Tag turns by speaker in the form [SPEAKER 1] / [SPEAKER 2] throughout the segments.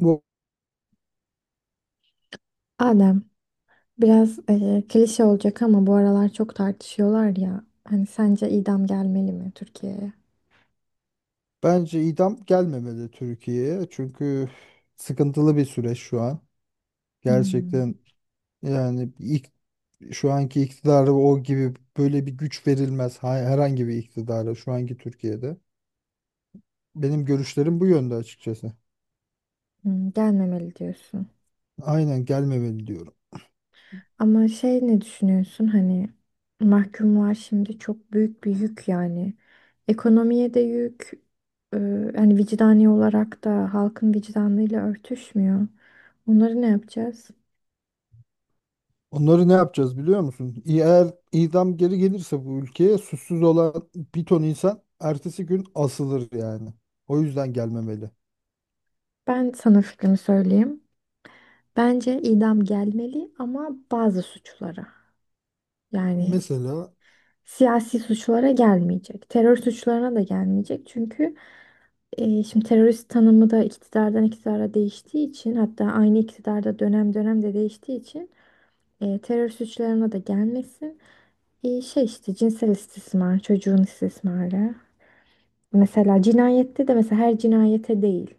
[SPEAKER 1] Bu
[SPEAKER 2] Adem, biraz klişe olacak ama bu aralar çok tartışıyorlar ya. Hani sence idam gelmeli mi Türkiye'ye?
[SPEAKER 1] bence idam gelmemeli Türkiye'ye. Çünkü sıkıntılı bir süreç şu an.
[SPEAKER 2] Hmm,
[SPEAKER 1] Gerçekten yani ilk, şu anki iktidara o gibi böyle bir güç verilmez. Herhangi bir iktidara şu anki Türkiye'de. Benim görüşlerim bu yönde açıkçası.
[SPEAKER 2] gelmemeli diyorsun.
[SPEAKER 1] Aynen gelmemeli diyorum.
[SPEAKER 2] Ama şey ne düşünüyorsun hani mahkumlar şimdi çok büyük bir yük yani. Ekonomiye de yük, e, hani vicdani olarak da halkın vicdanıyla örtüşmüyor. Onları ne yapacağız?
[SPEAKER 1] Onları ne yapacağız biliyor musun? Eğer idam geri gelirse bu ülkeye suçsuz olan bir ton insan ertesi gün asılır yani. O yüzden gelmemeli.
[SPEAKER 2] Ben sana fikrimi söyleyeyim. Bence idam gelmeli ama bazı suçlara. Yani
[SPEAKER 1] Mesela
[SPEAKER 2] siyasi suçlara gelmeyecek. Terör suçlarına da gelmeyecek. Çünkü şimdi terörist tanımı da iktidardan iktidara değiştiği için, hatta aynı iktidarda dönem dönem de değiştiği için terör suçlarına da gelmesin. Şey işte cinsel istismar, çocuğun istismarı. Mesela cinayette de mesela her cinayete değil.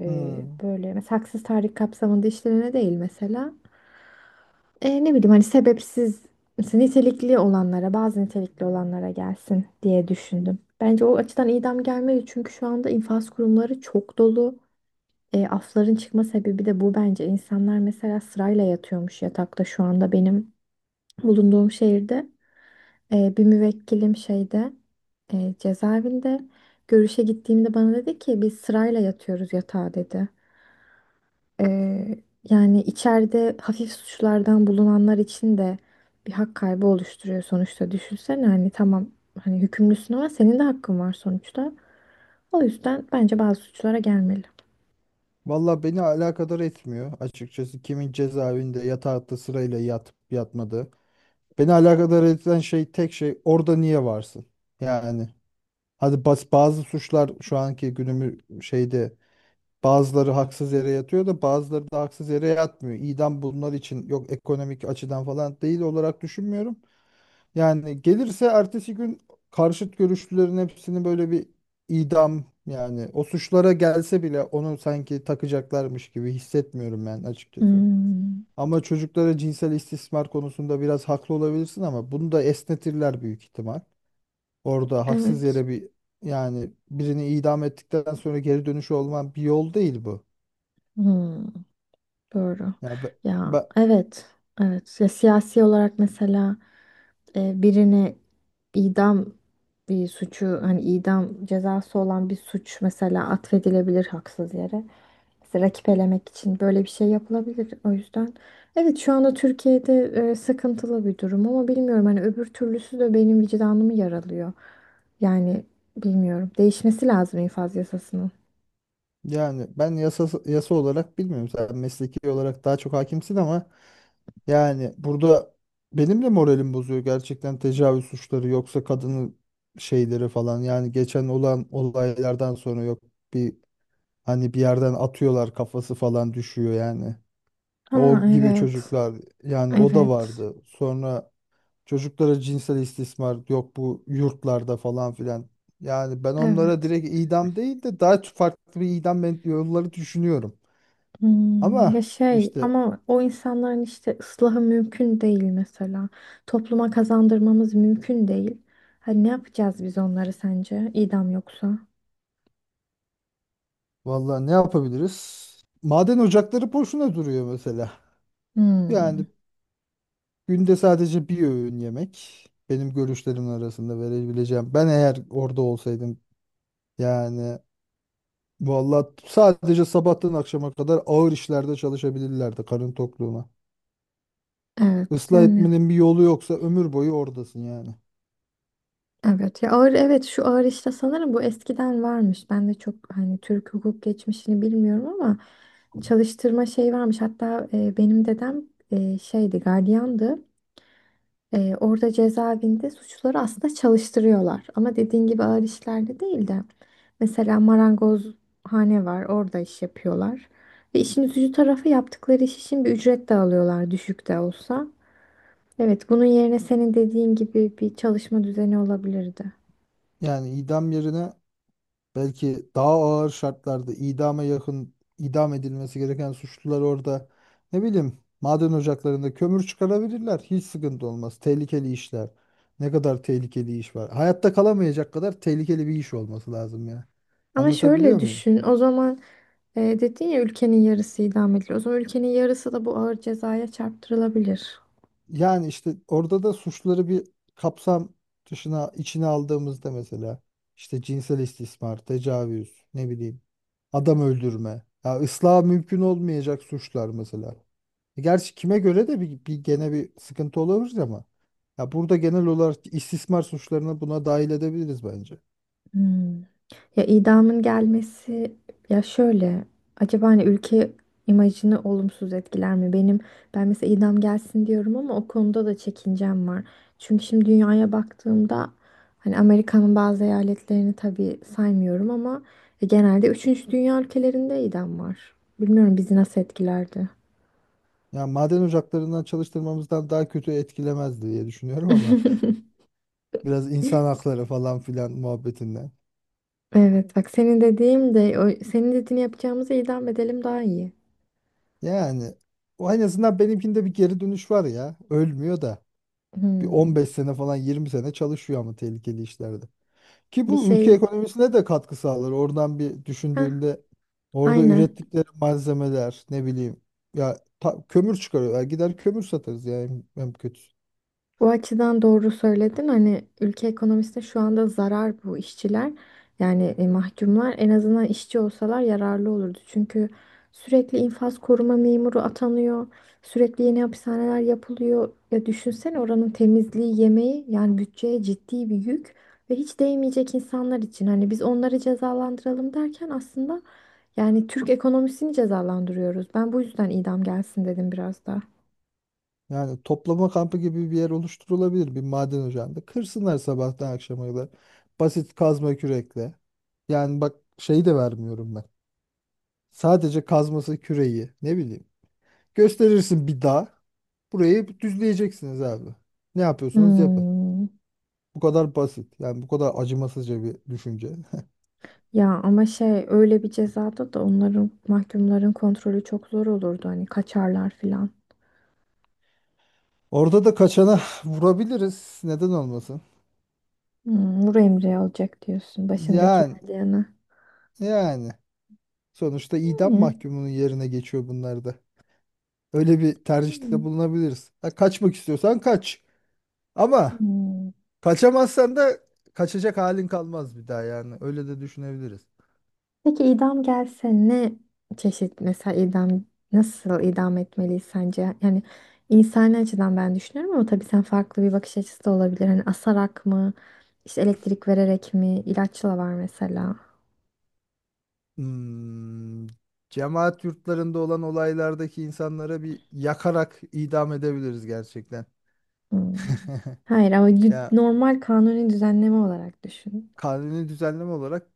[SPEAKER 1] hmm.
[SPEAKER 2] Böyle mesela haksız tahrik kapsamında işlerine değil mesela. Ne bileyim hani sebepsiz, mesela nitelikli olanlara, bazı nitelikli olanlara gelsin diye düşündüm. Bence o açıdan idam gelmedi çünkü şu anda infaz kurumları çok dolu. Afların çıkma sebebi de bu bence. İnsanlar mesela sırayla yatıyormuş yatakta, şu anda benim bulunduğum şehirde. Bir müvekkilim şeyde, cezaevinde görüşe gittiğimde bana dedi ki biz sırayla yatıyoruz yatağa dedi. Ee, yani içeride hafif suçlardan bulunanlar için de bir hak kaybı oluşturuyor sonuçta. Düşünsene, hani tamam hani hükümlüsün ama senin de hakkın var sonuçta. O yüzden bence bazı suçlara gelmeli.
[SPEAKER 1] Valla beni alakadar etmiyor açıkçası kimin cezaevinde yatakta sırayla yatıp yatmadığı. Beni alakadar eden şey tek şey orada niye varsın? Yani hadi bas, bazı suçlar şu anki günümü şeyde bazıları haksız yere yatıyor da bazıları da haksız yere yatmıyor. İdam bunlar için yok ekonomik açıdan falan değil olarak düşünmüyorum. Yani gelirse ertesi gün karşıt görüşlülerin hepsini böyle bir idam yani o suçlara gelse bile onu sanki takacaklarmış gibi hissetmiyorum ben açıkçası.
[SPEAKER 2] Hmm,
[SPEAKER 1] Ama çocuklara cinsel istismar konusunda biraz haklı olabilirsin ama bunu da esnetirler büyük ihtimal. Orada haksız
[SPEAKER 2] evet.
[SPEAKER 1] yere bir yani birini idam ettikten sonra geri dönüşü olman bir yol değil bu.
[SPEAKER 2] Hmm. Doğru.
[SPEAKER 1] Ya
[SPEAKER 2] Ya,
[SPEAKER 1] be-
[SPEAKER 2] evet. Evet. Ya, siyasi olarak mesela birini idam, bir suçu, hani idam cezası olan bir suç mesela atfedilebilir haksız yere. Mesela rakip elemek için böyle bir şey yapılabilir. O yüzden evet, şu anda Türkiye'de sıkıntılı bir durum ama bilmiyorum, hani öbür türlüsü de benim vicdanımı yaralıyor. Yani bilmiyorum. Değişmesi lazım infaz yasasının.
[SPEAKER 1] yani ben yasa olarak bilmiyorum. Sen mesleki olarak daha çok hakimsin ama yani burada benim de moralim bozuyor gerçekten tecavüz suçları yoksa kadının şeyleri falan. Yani geçen olan olaylardan sonra yok bir hani bir yerden atıyorlar kafası falan düşüyor yani.
[SPEAKER 2] Ha,
[SPEAKER 1] O gibi
[SPEAKER 2] evet.
[SPEAKER 1] çocuklar yani o da
[SPEAKER 2] Evet.
[SPEAKER 1] vardı. Sonra çocuklara cinsel istismar yok bu yurtlarda falan filan. Yani ben onlara
[SPEAKER 2] Evet.
[SPEAKER 1] direkt idam değil de daha farklı bir idam yolları düşünüyorum.
[SPEAKER 2] Hmm, ya
[SPEAKER 1] Ama
[SPEAKER 2] şey
[SPEAKER 1] işte
[SPEAKER 2] ama o insanların işte ıslahı mümkün değil mesela. Topluma kazandırmamız mümkün değil. Hani ne yapacağız biz onları sence? İdam yoksa?
[SPEAKER 1] vallahi ne yapabiliriz? Maden ocakları boşuna duruyor mesela.
[SPEAKER 2] Hmm,
[SPEAKER 1] Yani günde sadece bir öğün yemek benim görüşlerim arasında verebileceğim. Ben eğer orada olsaydım yani vallahi sadece sabahtan akşama kadar ağır işlerde çalışabilirlerdi karın tokluğuna.
[SPEAKER 2] evet
[SPEAKER 1] Islah
[SPEAKER 2] yani,
[SPEAKER 1] etmenin bir yolu yoksa ömür boyu oradasın yani.
[SPEAKER 2] evet ya ağır, evet şu ağır işte sanırım bu eskiden varmış. Ben de çok hani Türk hukuk geçmişini bilmiyorum ama çalıştırma şey varmış. Hatta benim dedem şeydi, gardiyandı. Orada cezaevinde suçluları aslında çalıştırıyorlar. Ama dediğin gibi ağır işlerde değil de. Mesela marangozhane var. Orada iş yapıyorlar. Ve işin üzücü tarafı, yaptıkları iş için bir ücret de alıyorlar, düşük de olsa. Evet, bunun yerine senin dediğin gibi bir çalışma düzeni olabilirdi.
[SPEAKER 1] Yani idam yerine belki daha ağır şartlarda idama yakın idam edilmesi gereken suçlular orada ne bileyim maden ocaklarında kömür çıkarabilirler. Hiç sıkıntı olmaz. Tehlikeli işler. Ne kadar tehlikeli iş var. Hayatta kalamayacak kadar tehlikeli bir iş olması lazım ya.
[SPEAKER 2] Ama şöyle
[SPEAKER 1] Anlatabiliyor muyum?
[SPEAKER 2] düşün, o zaman dedin ya ülkenin yarısı idam ediliyor. O zaman ülkenin yarısı da bu ağır cezaya çarptırılabilir.
[SPEAKER 1] Yani işte orada da suçları bir kapsam dışına içine aldığımızda mesela işte cinsel istismar, tecavüz, ne bileyim adam öldürme, ya ıslah mümkün olmayacak suçlar mesela. E, Gerçi kime göre de bir gene bir sıkıntı olabilir ama. Ya burada genel olarak istismar suçlarını buna dahil edebiliriz bence.
[SPEAKER 2] Hmm. Ya idamın gelmesi, ya şöyle, acaba hani ülke imajını olumsuz etkiler mi? Benim, ben mesela idam gelsin diyorum ama o konuda da çekincem var. Çünkü şimdi dünyaya baktığımda, hani Amerika'nın bazı eyaletlerini tabii saymıyorum ama genelde üçüncü dünya ülkelerinde idam var. Bilmiyorum bizi nasıl etkilerdi.
[SPEAKER 1] Ya maden ocaklarından çalıştırmamızdan daha kötü etkilemez diye düşünüyorum ama biraz insan hakları falan filan muhabbetinden.
[SPEAKER 2] Evet bak, senin dediğim de o, senin dediğini yapacağımıza idam edelim daha iyi.
[SPEAKER 1] Yani o en azından benimkinde bir geri dönüş var ya. Ölmüyor da. Bir
[SPEAKER 2] Hmm.
[SPEAKER 1] 15 sene falan 20 sene çalışıyor ama tehlikeli işlerde. Ki
[SPEAKER 2] Bir
[SPEAKER 1] bu ülke
[SPEAKER 2] şey,
[SPEAKER 1] ekonomisine de katkı sağlar. Oradan bir
[SPEAKER 2] ha,
[SPEAKER 1] düşündüğünde orada
[SPEAKER 2] aynen.
[SPEAKER 1] ürettikleri malzemeler ne bileyim ya kömür çıkarıyor. Ya gider kömür satarız yani en kötüsü.
[SPEAKER 2] Bu açıdan doğru söyledin. Hani ülke ekonomisinde şu anda zarar bu işçiler. Yani mahkumlar en azından işçi olsalar yararlı olurdu. Çünkü sürekli infaz koruma memuru atanıyor. Sürekli yeni hapishaneler yapılıyor. Ya düşünsene, oranın temizliği, yemeği, yani bütçeye ciddi bir yük, ve hiç değmeyecek insanlar için. Hani biz onları cezalandıralım derken aslında yani Türk ekonomisini cezalandırıyoruz. Ben bu yüzden idam gelsin dedim biraz da.
[SPEAKER 1] Yani toplama kampı gibi bir yer oluşturulabilir bir maden ocağında. Kırsınlar sabahtan akşama kadar. Basit kazma kürekle. Yani bak şeyi de vermiyorum ben. Sadece kazması küreği ne bileyim. Gösterirsin bir dağ. Burayı düzleyeceksiniz abi. Ne yapıyorsanız yapın.
[SPEAKER 2] Hmm.
[SPEAKER 1] Bu kadar basit. Yani bu kadar acımasızca bir düşünce.
[SPEAKER 2] Ya ama şey, öyle bir cezada da onların, mahkumların kontrolü çok zor olurdu. Hani kaçarlar filan.
[SPEAKER 1] Orada da kaçana vurabiliriz. Neden olmasın?
[SPEAKER 2] Vur emri alacak diyorsun başındaki
[SPEAKER 1] Yani
[SPEAKER 2] verdiyene.
[SPEAKER 1] yani sonuçta idam
[SPEAKER 2] Yani.
[SPEAKER 1] mahkumunun yerine geçiyor bunlar da. Öyle bir
[SPEAKER 2] Hmm,
[SPEAKER 1] tercihte bulunabiliriz. Ha, kaçmak istiyorsan kaç. Ama
[SPEAKER 2] hmm.
[SPEAKER 1] kaçamazsan da kaçacak halin kalmaz bir daha yani. Öyle de düşünebiliriz.
[SPEAKER 2] Peki idam gelse ne çeşit mesela idam, nasıl idam etmeliyiz sence? Yani insani açıdan ben düşünüyorum ama tabii sen farklı bir bakış açısı da olabilir. Hani asarak mı? İşte elektrik vererek mi? İlaçla var mesela.
[SPEAKER 1] Hmm, cemaat yurtlarında olan olaylardaki insanlara bir yakarak idam edebiliriz gerçekten.
[SPEAKER 2] Hmm. Hayır ama
[SPEAKER 1] Ya
[SPEAKER 2] normal kanuni düzenleme olarak düşün.
[SPEAKER 1] kanuni düzenleme olarak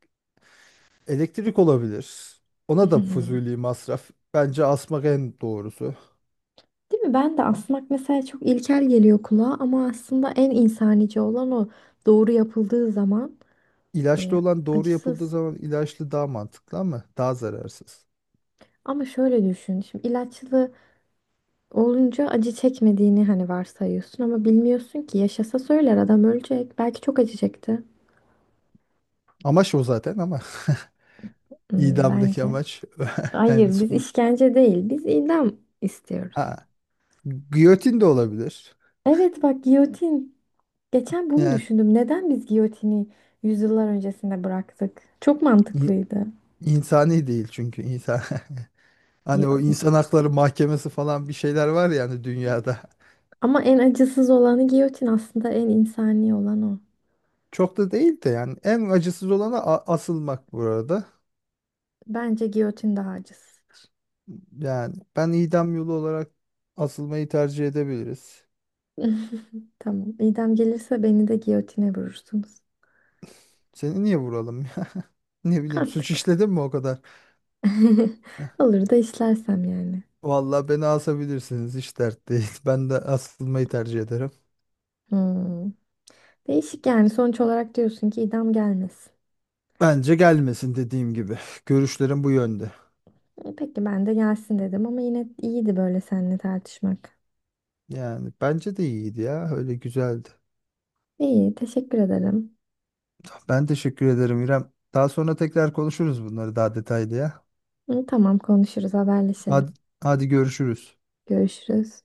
[SPEAKER 1] elektrik olabilir. Ona da
[SPEAKER 2] Hmm.
[SPEAKER 1] fuzuli masraf. Bence asmak en doğrusu.
[SPEAKER 2] Değil mi? Ben de asmak mesela çok ilkel geliyor kulağa ama aslında en insanice olan o, doğru yapıldığı zaman e,
[SPEAKER 1] İlaçlı olan doğru yapıldığı
[SPEAKER 2] acısız.
[SPEAKER 1] zaman ilaçlı daha mantıklı ama daha zararsız.
[SPEAKER 2] Ama şöyle düşün. Şimdi ilaçlı olunca acı çekmediğini hani varsayıyorsun ama bilmiyorsun ki, yaşasa söyler, adam ölecek. Belki çok acı çekti.
[SPEAKER 1] Amaç o zaten ama
[SPEAKER 2] Hmm,
[SPEAKER 1] idamdaki
[SPEAKER 2] bence.
[SPEAKER 1] amaç yani
[SPEAKER 2] Hayır, biz
[SPEAKER 1] son.
[SPEAKER 2] işkence değil, biz idam istiyoruz.
[SPEAKER 1] Ha, giyotin de olabilir.
[SPEAKER 2] Evet bak, giyotin. Geçen bunu
[SPEAKER 1] Yani
[SPEAKER 2] düşündüm. Neden biz giyotini yüzyıllar öncesinde bıraktık? Çok
[SPEAKER 1] in-
[SPEAKER 2] mantıklıydı.
[SPEAKER 1] insani değil çünkü insan. Hani
[SPEAKER 2] Ya-
[SPEAKER 1] o insan hakları mahkemesi falan bir şeyler var yani dünyada.
[SPEAKER 2] Ama en acısız olanı giyotin, aslında en insani olan o.
[SPEAKER 1] Çok da değil de yani en acısız olanı asılmak bu arada.
[SPEAKER 2] Bence giyotin daha acısız.
[SPEAKER 1] Yani ben idam yolu olarak asılmayı tercih edebiliriz.
[SPEAKER 2] Tamam. İdam gelirse beni de giyotine vurursunuz.
[SPEAKER 1] Seni niye vuralım ya? Ne bileyim suç
[SPEAKER 2] Artık.
[SPEAKER 1] işledim mi o kadar?
[SPEAKER 2] Olur da işlersem yani.
[SPEAKER 1] Vallahi beni asabilirsiniz hiç dert değil. Ben de asılmayı tercih ederim.
[SPEAKER 2] Hmm. Değişik yani. Sonuç olarak diyorsun ki idam gelmesin.
[SPEAKER 1] Bence gelmesin dediğim gibi. Görüşlerim bu yönde.
[SPEAKER 2] Peki, ben de gelsin dedim ama yine iyiydi böyle seninle tartışmak.
[SPEAKER 1] Yani bence de iyiydi ya. Öyle güzeldi.
[SPEAKER 2] İyi, teşekkür ederim.
[SPEAKER 1] Ben teşekkür ederim İrem. Daha sonra tekrar konuşuruz bunları daha detaylı ya.
[SPEAKER 2] Hı, tamam konuşuruz, haberleşelim.
[SPEAKER 1] Hadi, hadi görüşürüz.
[SPEAKER 2] Görüşürüz.